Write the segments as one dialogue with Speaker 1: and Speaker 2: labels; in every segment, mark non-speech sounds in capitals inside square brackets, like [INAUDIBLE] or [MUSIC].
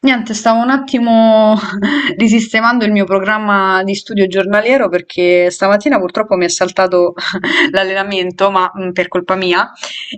Speaker 1: Niente, stavo un attimo [LAUGHS] risistemando il mio programma di studio giornaliero perché stamattina purtroppo mi è saltato [LAUGHS] l'allenamento, ma per colpa mia,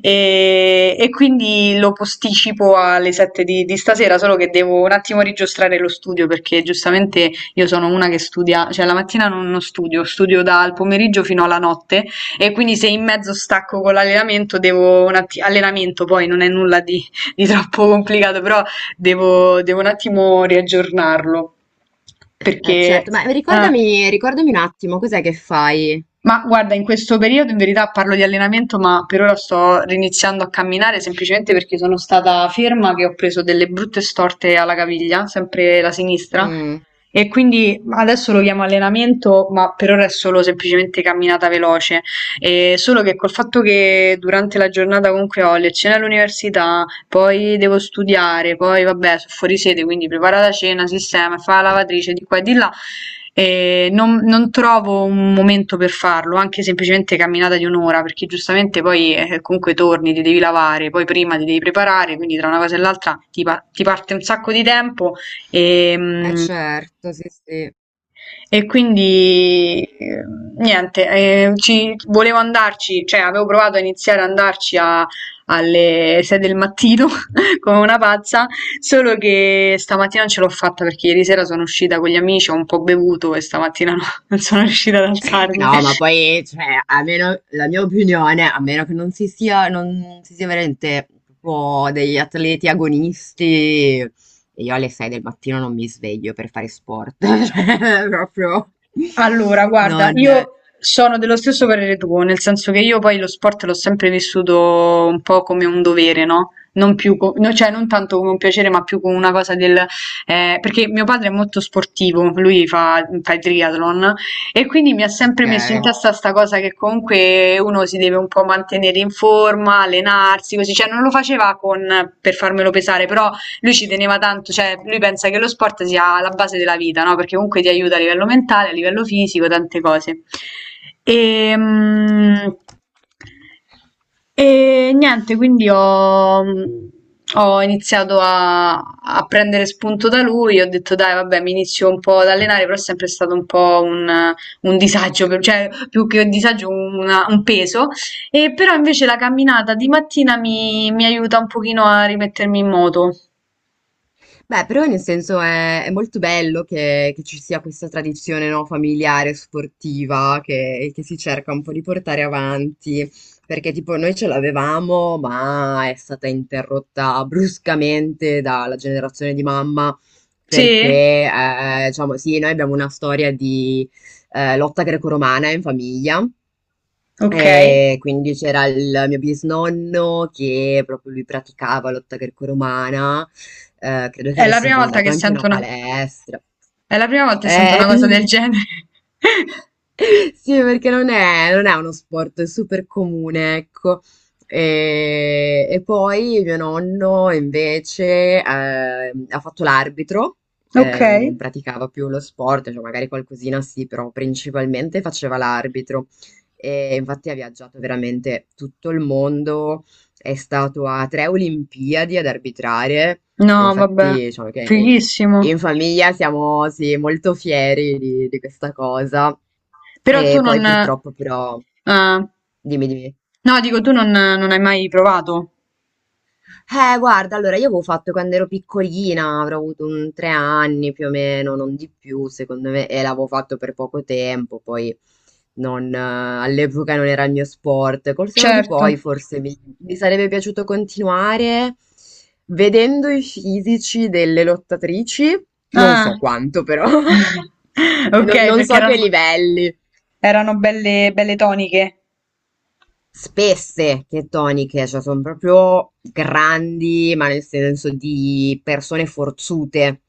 Speaker 1: e quindi lo posticipo alle 7 di stasera, solo che devo un attimo rigiostrare lo studio perché giustamente io sono una che studia, cioè la mattina non studio, studio dal pomeriggio fino alla notte e quindi se in mezzo stacco con l'allenamento devo un attimo, allenamento poi non è nulla di troppo complicato, però Devo un attimo riaggiornarlo
Speaker 2: Eh
Speaker 1: perché.
Speaker 2: certo, ma
Speaker 1: Ah,
Speaker 2: ricordami un attimo, cos'è che fai?
Speaker 1: ma guarda, in questo periodo in verità parlo di allenamento, ma per ora sto riniziando a camminare semplicemente perché sono stata ferma che ho preso delle brutte storte alla caviglia, sempre la sinistra,
Speaker 2: Mm,
Speaker 1: e quindi adesso lo chiamo allenamento, ma per ora è solo semplicemente camminata veloce. E solo che col fatto che durante la giornata comunque ho lezione all'università, poi devo studiare, poi vabbè, sono fuori sede, quindi prepara la cena, sistema, fa la lavatrice di qua e di là. E non trovo un momento per farlo, anche semplicemente camminata di un'ora, perché giustamente poi comunque torni, ti devi lavare, poi prima ti devi preparare, quindi tra una cosa e l'altra ti parte un sacco di tempo e,
Speaker 2: eh
Speaker 1: mm,
Speaker 2: certo, sì sì.
Speaker 1: e quindi niente, volevo andarci, cioè avevo provato a iniziare ad andarci alle 6 del mattino [LAUGHS] come una pazza, solo che stamattina non ce l'ho fatta perché ieri sera sono uscita con gli amici, ho un po' bevuto e stamattina no, [LAUGHS] non sono riuscita ad alzarmi.
Speaker 2: No, ma poi, cioè, a meno, la mia opinione, a meno che non si sia veramente proprio degli atleti agonisti, e io alle 6 del mattino non mi sveglio per fare sport, [LAUGHS] cioè, proprio
Speaker 1: Allora, guarda,
Speaker 2: non.
Speaker 1: io sono dello stesso parere tuo, nel senso che io poi lo sport l'ho sempre vissuto un po' come un dovere, no? Non più, no, cioè non tanto come un piacere, ma più come una cosa del. Perché mio padre è molto sportivo, lui fa il triathlon e quindi mi ha sempre
Speaker 2: Ok.
Speaker 1: messo in testa sta cosa che comunque uno si deve un po' mantenere in forma, allenarsi, così, cioè non lo faceva con, per farmelo pesare, però lui ci teneva tanto, cioè lui pensa che lo sport sia la base della vita, no? Perché comunque ti aiuta a livello mentale, a livello fisico, tante cose. E, mm, e niente, quindi ho iniziato a prendere spunto da lui, ho detto dai, vabbè, mi inizio un po' ad allenare, però è sempre stato un po' un disagio, cioè più che un disagio, un peso. E però invece la camminata di mattina mi aiuta un pochino a rimettermi in moto.
Speaker 2: Beh, però nel senso è molto bello che, ci sia questa tradizione, no, familiare, sportiva, che si cerca un po' di portare avanti, perché tipo noi ce l'avevamo, ma è stata interrotta bruscamente dalla generazione di mamma,
Speaker 1: Sì?
Speaker 2: perché, diciamo, sì, noi abbiamo una storia di lotta greco-romana in famiglia.
Speaker 1: Okay.
Speaker 2: E quindi c'era il mio bisnonno che proprio lui praticava lotta greco-romana, credo che
Speaker 1: È la
Speaker 2: avesse
Speaker 1: prima volta
Speaker 2: fondato
Speaker 1: che
Speaker 2: anche una
Speaker 1: sento una
Speaker 2: palestra.
Speaker 1: è la prima volta che sento
Speaker 2: Eh,
Speaker 1: una cosa del genere. [LAUGHS]
Speaker 2: [LAUGHS] sì, perché non è uno sport è super comune, ecco. E poi mio nonno invece ha fatto l'arbitro,
Speaker 1: Okay.
Speaker 2: non praticava più lo sport, cioè magari qualcosina sì, però principalmente faceva l'arbitro. E infatti ha viaggiato veramente tutto il mondo, è stato a tre Olimpiadi ad arbitrare.
Speaker 1: No, vabbè,
Speaker 2: Infatti, diciamo che
Speaker 1: fighissimo.
Speaker 2: in famiglia siamo sì, molto fieri di questa cosa.
Speaker 1: Però tu
Speaker 2: E poi
Speaker 1: non ah.
Speaker 2: purtroppo però, dimmi, dimmi.
Speaker 1: No, dico tu non hai mai provato?
Speaker 2: Guarda, allora io avevo fatto quando ero piccolina, avrò avuto un 3 anni più o meno, non di più, secondo me, e l'avevo fatto per poco tempo, poi non, all'epoca non era il mio sport. Col seno di
Speaker 1: Certo.
Speaker 2: poi forse mi sarebbe piaciuto continuare vedendo i fisici delle lottatrici, non
Speaker 1: Ah. [LAUGHS]
Speaker 2: so quanto però. [LAUGHS] E non
Speaker 1: Okay,
Speaker 2: non
Speaker 1: perché
Speaker 2: so che
Speaker 1: erano
Speaker 2: livelli.
Speaker 1: erano belle belle toniche.
Speaker 2: Spesse che toniche, cioè sono proprio grandi, ma nel senso di persone forzute.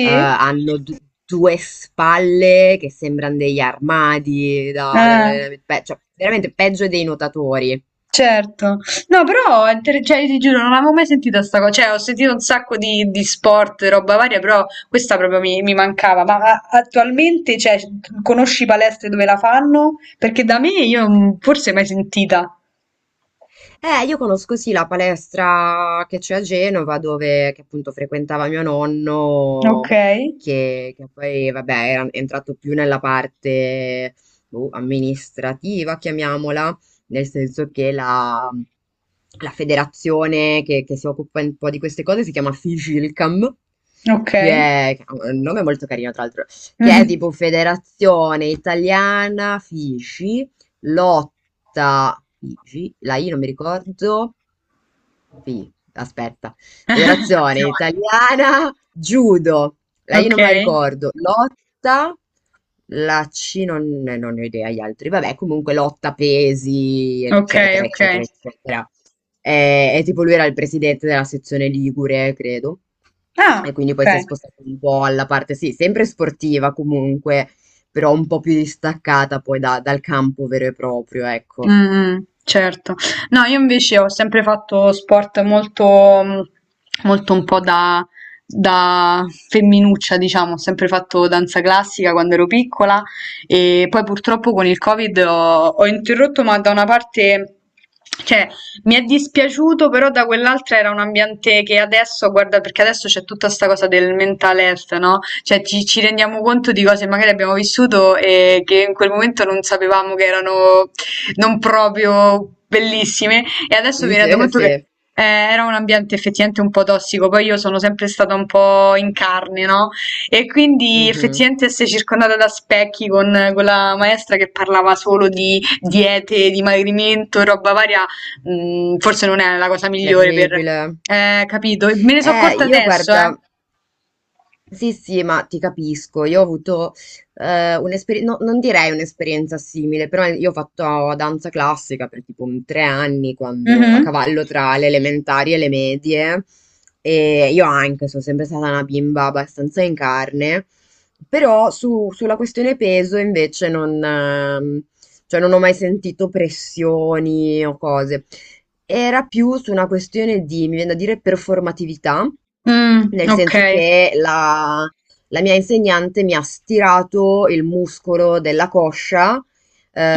Speaker 2: Hanno due spalle che sembrano degli armadi da-
Speaker 1: Ah.
Speaker 2: dall'allenamento, cioè veramente peggio dei nuotatori.
Speaker 1: Certo, no, però, cioè, ti giuro, non avevo mai sentito sta cosa, cioè, ho sentito un sacco di sport, roba varia, però questa proprio mi mancava, ma attualmente, cioè, conosci palestre dove la fanno? Perché da me io forse mai sentita.
Speaker 2: Io conosco sì la palestra che c'è a Genova, dove che appunto frequentava mio
Speaker 1: Ok,
Speaker 2: nonno, che poi vabbè era entrato più nella parte boh, amministrativa, chiamiamola, nel senso che la, federazione che si occupa un po' di queste cose si chiama Figilcam,
Speaker 1: ok.
Speaker 2: che che ha un nome molto carino tra l'altro, che è
Speaker 1: Mhm.
Speaker 2: tipo Federazione Italiana Fici lotta Figi, la I non mi ricordo, sì, aspetta. Federazione
Speaker 1: [LAUGHS]
Speaker 2: Italiana Judo. La I
Speaker 1: Ok,
Speaker 2: non me la ricordo. Lotta. La C non ne ho idea gli altri. Vabbè, comunque lotta pesi,
Speaker 1: ok,
Speaker 2: eccetera,
Speaker 1: ok.
Speaker 2: eccetera, eccetera. E tipo lui era il presidente della sezione Ligure, credo.
Speaker 1: Ah,
Speaker 2: E quindi poi si è
Speaker 1: ok.
Speaker 2: spostato un po' alla parte, sì, sempre sportiva comunque, però un po' più distaccata poi dal campo vero e proprio, ecco.
Speaker 1: Mh-mh, certo. No, io invece ho sempre fatto sport molto mhmm, molto un po' da femminuccia, diciamo. Ho sempre fatto danza classica quando ero piccola e poi purtroppo con il Covid ho interrotto, ma da una parte cioè mi è dispiaciuto, però da quell'altra era un ambiente che adesso guarda, perché adesso c'è tutta 'sta cosa del mental health, no, cioè ci rendiamo conto di cose che magari abbiamo vissuto e che in quel momento non sapevamo che erano non proprio bellissime e adesso
Speaker 2: Sì,
Speaker 1: mi rendo
Speaker 2: sì,
Speaker 1: conto che
Speaker 2: sì.
Speaker 1: era un ambiente effettivamente un po' tossico, poi io sono sempre stata un po' in carne, no? E quindi
Speaker 2: Mhm.
Speaker 1: effettivamente essere circondata da specchi con quella maestra che parlava solo di diete, di dimagrimento, roba varia, forse non è la cosa migliore per.
Speaker 2: Terribile.
Speaker 1: Capito? E me ne sono accorta
Speaker 2: Io
Speaker 1: adesso, eh.
Speaker 2: guarda, sì, sì, ma ti capisco, io ho avuto un'esperienza, non direi un'esperienza simile, però io ho fatto danza classica per tipo un 3 anni, quando a
Speaker 1: Mhm.
Speaker 2: cavallo tra le elementari e le medie, e io anche sono sempre stata una bimba abbastanza in carne, però sulla questione peso invece non, cioè non ho mai sentito pressioni o cose. Era più su una questione di, mi viene da dire, performatività,
Speaker 1: Mm,
Speaker 2: nel
Speaker 1: ok.
Speaker 2: senso che la, mia insegnante mi ha stirato il muscolo della coscia,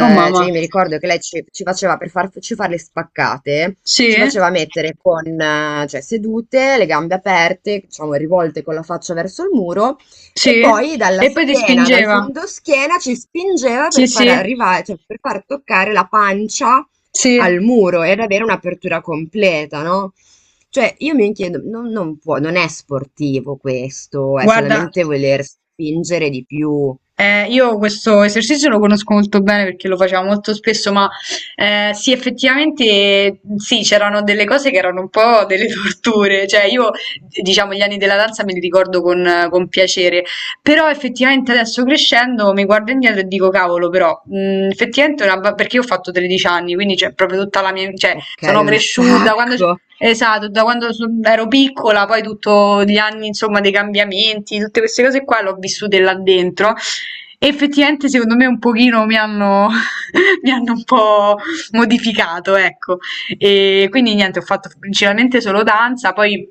Speaker 1: Oh
Speaker 2: cioè
Speaker 1: mamma.
Speaker 2: io mi ricordo che lei ci faceva per farci fare le spaccate, ci
Speaker 1: Sì?
Speaker 2: faceva mettere con, cioè, sedute, le gambe aperte, diciamo rivolte con la faccia verso il muro e
Speaker 1: Sì?
Speaker 2: poi dalla
Speaker 1: E poi ti
Speaker 2: schiena, dal
Speaker 1: spingeva?
Speaker 2: fondoschiena ci spingeva
Speaker 1: Sì,
Speaker 2: per far
Speaker 1: sì,
Speaker 2: arrivare, cioè per far toccare la pancia
Speaker 1: sì,
Speaker 2: al muro ed avere un'apertura completa, no? Cioè, io mi chiedo, non può, non è sportivo questo, è
Speaker 1: guarda.
Speaker 2: solamente voler spingere di più.
Speaker 1: Io questo esercizio lo conosco molto bene perché lo facevo molto spesso, ma sì, effettivamente sì, c'erano delle cose che erano un po' delle [LAUGHS] torture, cioè io diciamo gli anni della danza me li ricordo con piacere, però effettivamente adesso crescendo mi guardo indietro e dico cavolo, però effettivamente perché io ho fatto 13 anni, quindi c'è proprio tutta la mia, cioè
Speaker 2: Ok,
Speaker 1: sono
Speaker 2: un
Speaker 1: cresciuta quando.
Speaker 2: sacco.
Speaker 1: Esatto, da quando ero piccola, poi tutti gli anni, insomma, dei cambiamenti, tutte queste cose qua le ho vissute là dentro e effettivamente secondo me un pochino mi hanno, [LAUGHS] mi hanno un po' modificato, ecco. E quindi niente, ho fatto principalmente solo danza, poi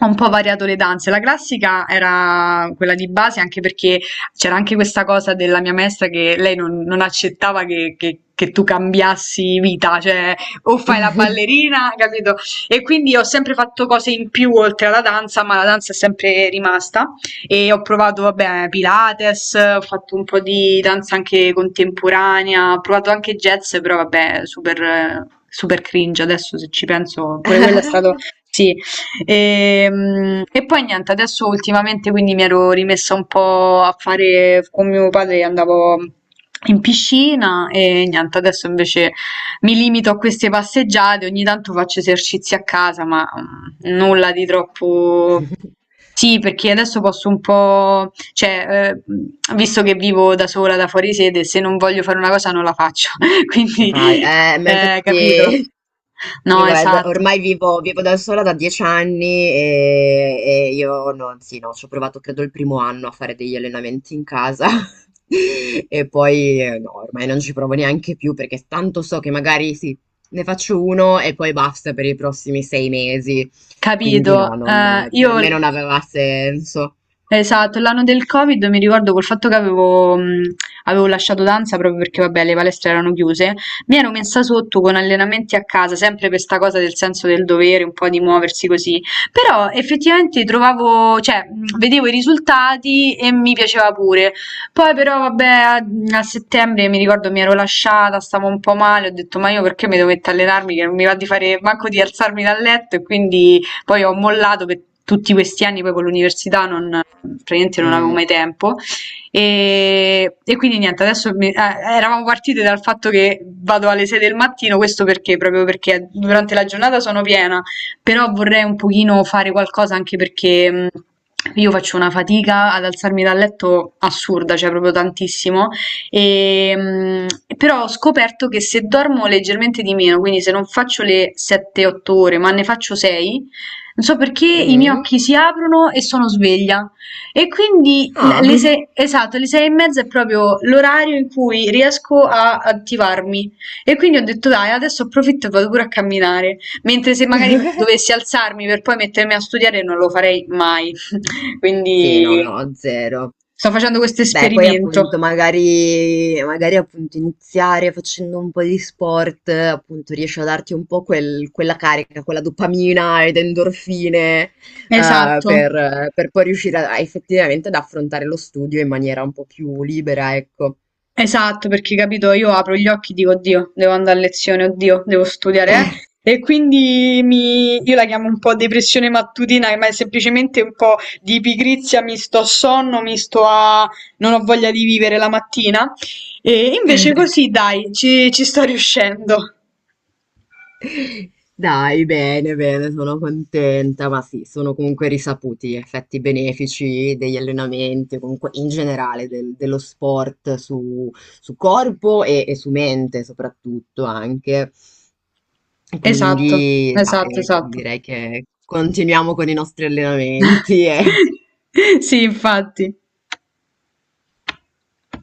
Speaker 1: ho un po' variato le danze. La classica era quella di base, anche perché c'era anche questa cosa della mia maestra che lei non accettava che tu cambiassi vita, cioè o fai la ballerina, capito? E quindi ho sempre fatto cose in più oltre alla danza, ma la danza è sempre rimasta e ho provato, vabbè, Pilates, ho fatto un po' di danza anche contemporanea, ho provato anche jazz, però vabbè, super, super cringe adesso se ci penso, pure quello è stato.
Speaker 2: [LAUGHS]
Speaker 1: Sì. E, poi niente, adesso ultimamente quindi mi ero rimessa un po' a fare con mio padre, andavo in piscina e niente, adesso invece mi limito a queste passeggiate, ogni tanto faccio esercizi a casa, ma nulla di troppo
Speaker 2: [LAUGHS]
Speaker 1: sì, perché adesso posso un po' cioè, visto che vivo da sola, da fuori sede, se non voglio fare una cosa non la faccio, [LAUGHS]
Speaker 2: Ne
Speaker 1: quindi,
Speaker 2: fai. Ma
Speaker 1: capito?
Speaker 2: infatti io
Speaker 1: No,
Speaker 2: guarda,
Speaker 1: esatto,
Speaker 2: ormai vivo da sola da 10 anni e io non, sì, no, ci ho provato credo il primo anno a fare degli allenamenti in casa. [LAUGHS] E poi no, ormai non ci provo neanche più perché tanto so che magari sì, ne faccio uno e poi basta per i prossimi 6 mesi. Quindi no,
Speaker 1: capito.
Speaker 2: per me
Speaker 1: Io
Speaker 2: non aveva senso.
Speaker 1: Esatto, l'anno del Covid mi ricordo col fatto che avevo lasciato danza proprio perché, vabbè, le palestre erano chiuse. Mi ero messa sotto con allenamenti a casa, sempre per sta cosa del senso del dovere, un po' di muoversi così. Però effettivamente trovavo, cioè, vedevo i risultati e mi piaceva pure. Poi però, vabbè, a settembre mi ricordo mi ero lasciata, stavo un po' male, ho detto, ma io perché mi dovete allenarmi che non mi va di fare manco di alzarmi dal letto e quindi poi ho mollato per tutti questi anni, poi con l'università non praticamente non avevo
Speaker 2: Mm,
Speaker 1: mai tempo. E quindi niente, adesso eravamo partite dal fatto che vado alle 6 del mattino, questo perché? Proprio perché durante la giornata sono piena, però vorrei un pochino fare qualcosa anche perché. Io faccio una fatica ad alzarmi dal letto assurda, cioè proprio tantissimo, e, però ho scoperto che se dormo leggermente di meno, quindi se non faccio le 7-8 ore, ma ne faccio 6, non so perché i miei
Speaker 2: mm.
Speaker 1: occhi si aprono e sono sveglia. E quindi
Speaker 2: Ah.
Speaker 1: le sei, esatto, le sei e mezza è proprio l'orario in cui riesco a attivarmi. E quindi ho detto, dai, adesso approfitto e vado pure a camminare. Mentre se magari
Speaker 2: [LAUGHS]
Speaker 1: dovessi alzarmi per poi mettermi a studiare, non lo farei mai. [LAUGHS]
Speaker 2: Sì, no,
Speaker 1: Quindi
Speaker 2: no, zero.
Speaker 1: sto facendo questo
Speaker 2: Beh, poi appunto
Speaker 1: esperimento.
Speaker 2: magari appunto iniziare facendo un po' di sport, appunto riesce a darti un po' quella carica, quella dopamina ed endorfine,
Speaker 1: Esatto.
Speaker 2: per poi riuscire a effettivamente ad affrontare lo studio in maniera un po' più libera, ecco.
Speaker 1: Esatto, perché capito, io apro gli occhi e dico, oddio, devo andare a lezione, oddio, devo studiare,
Speaker 2: [LAUGHS]
Speaker 1: eh. E quindi io la chiamo un po' depressione mattutina, ma è semplicemente un po' di pigrizia, mi sto a sonno, mi sto a. Non ho voglia di vivere la mattina. E invece così, dai, ci sto riuscendo.
Speaker 2: Dai, bene, bene, sono contenta, ma sì, sono comunque risaputi gli effetti benefici degli allenamenti, comunque in generale dello sport su, corpo e su mente soprattutto anche.
Speaker 1: Esatto,
Speaker 2: Quindi,
Speaker 1: esatto,
Speaker 2: dai,
Speaker 1: esatto.
Speaker 2: direi che continuiamo con i nostri allenamenti e
Speaker 1: [LAUGHS] Sì, infatti.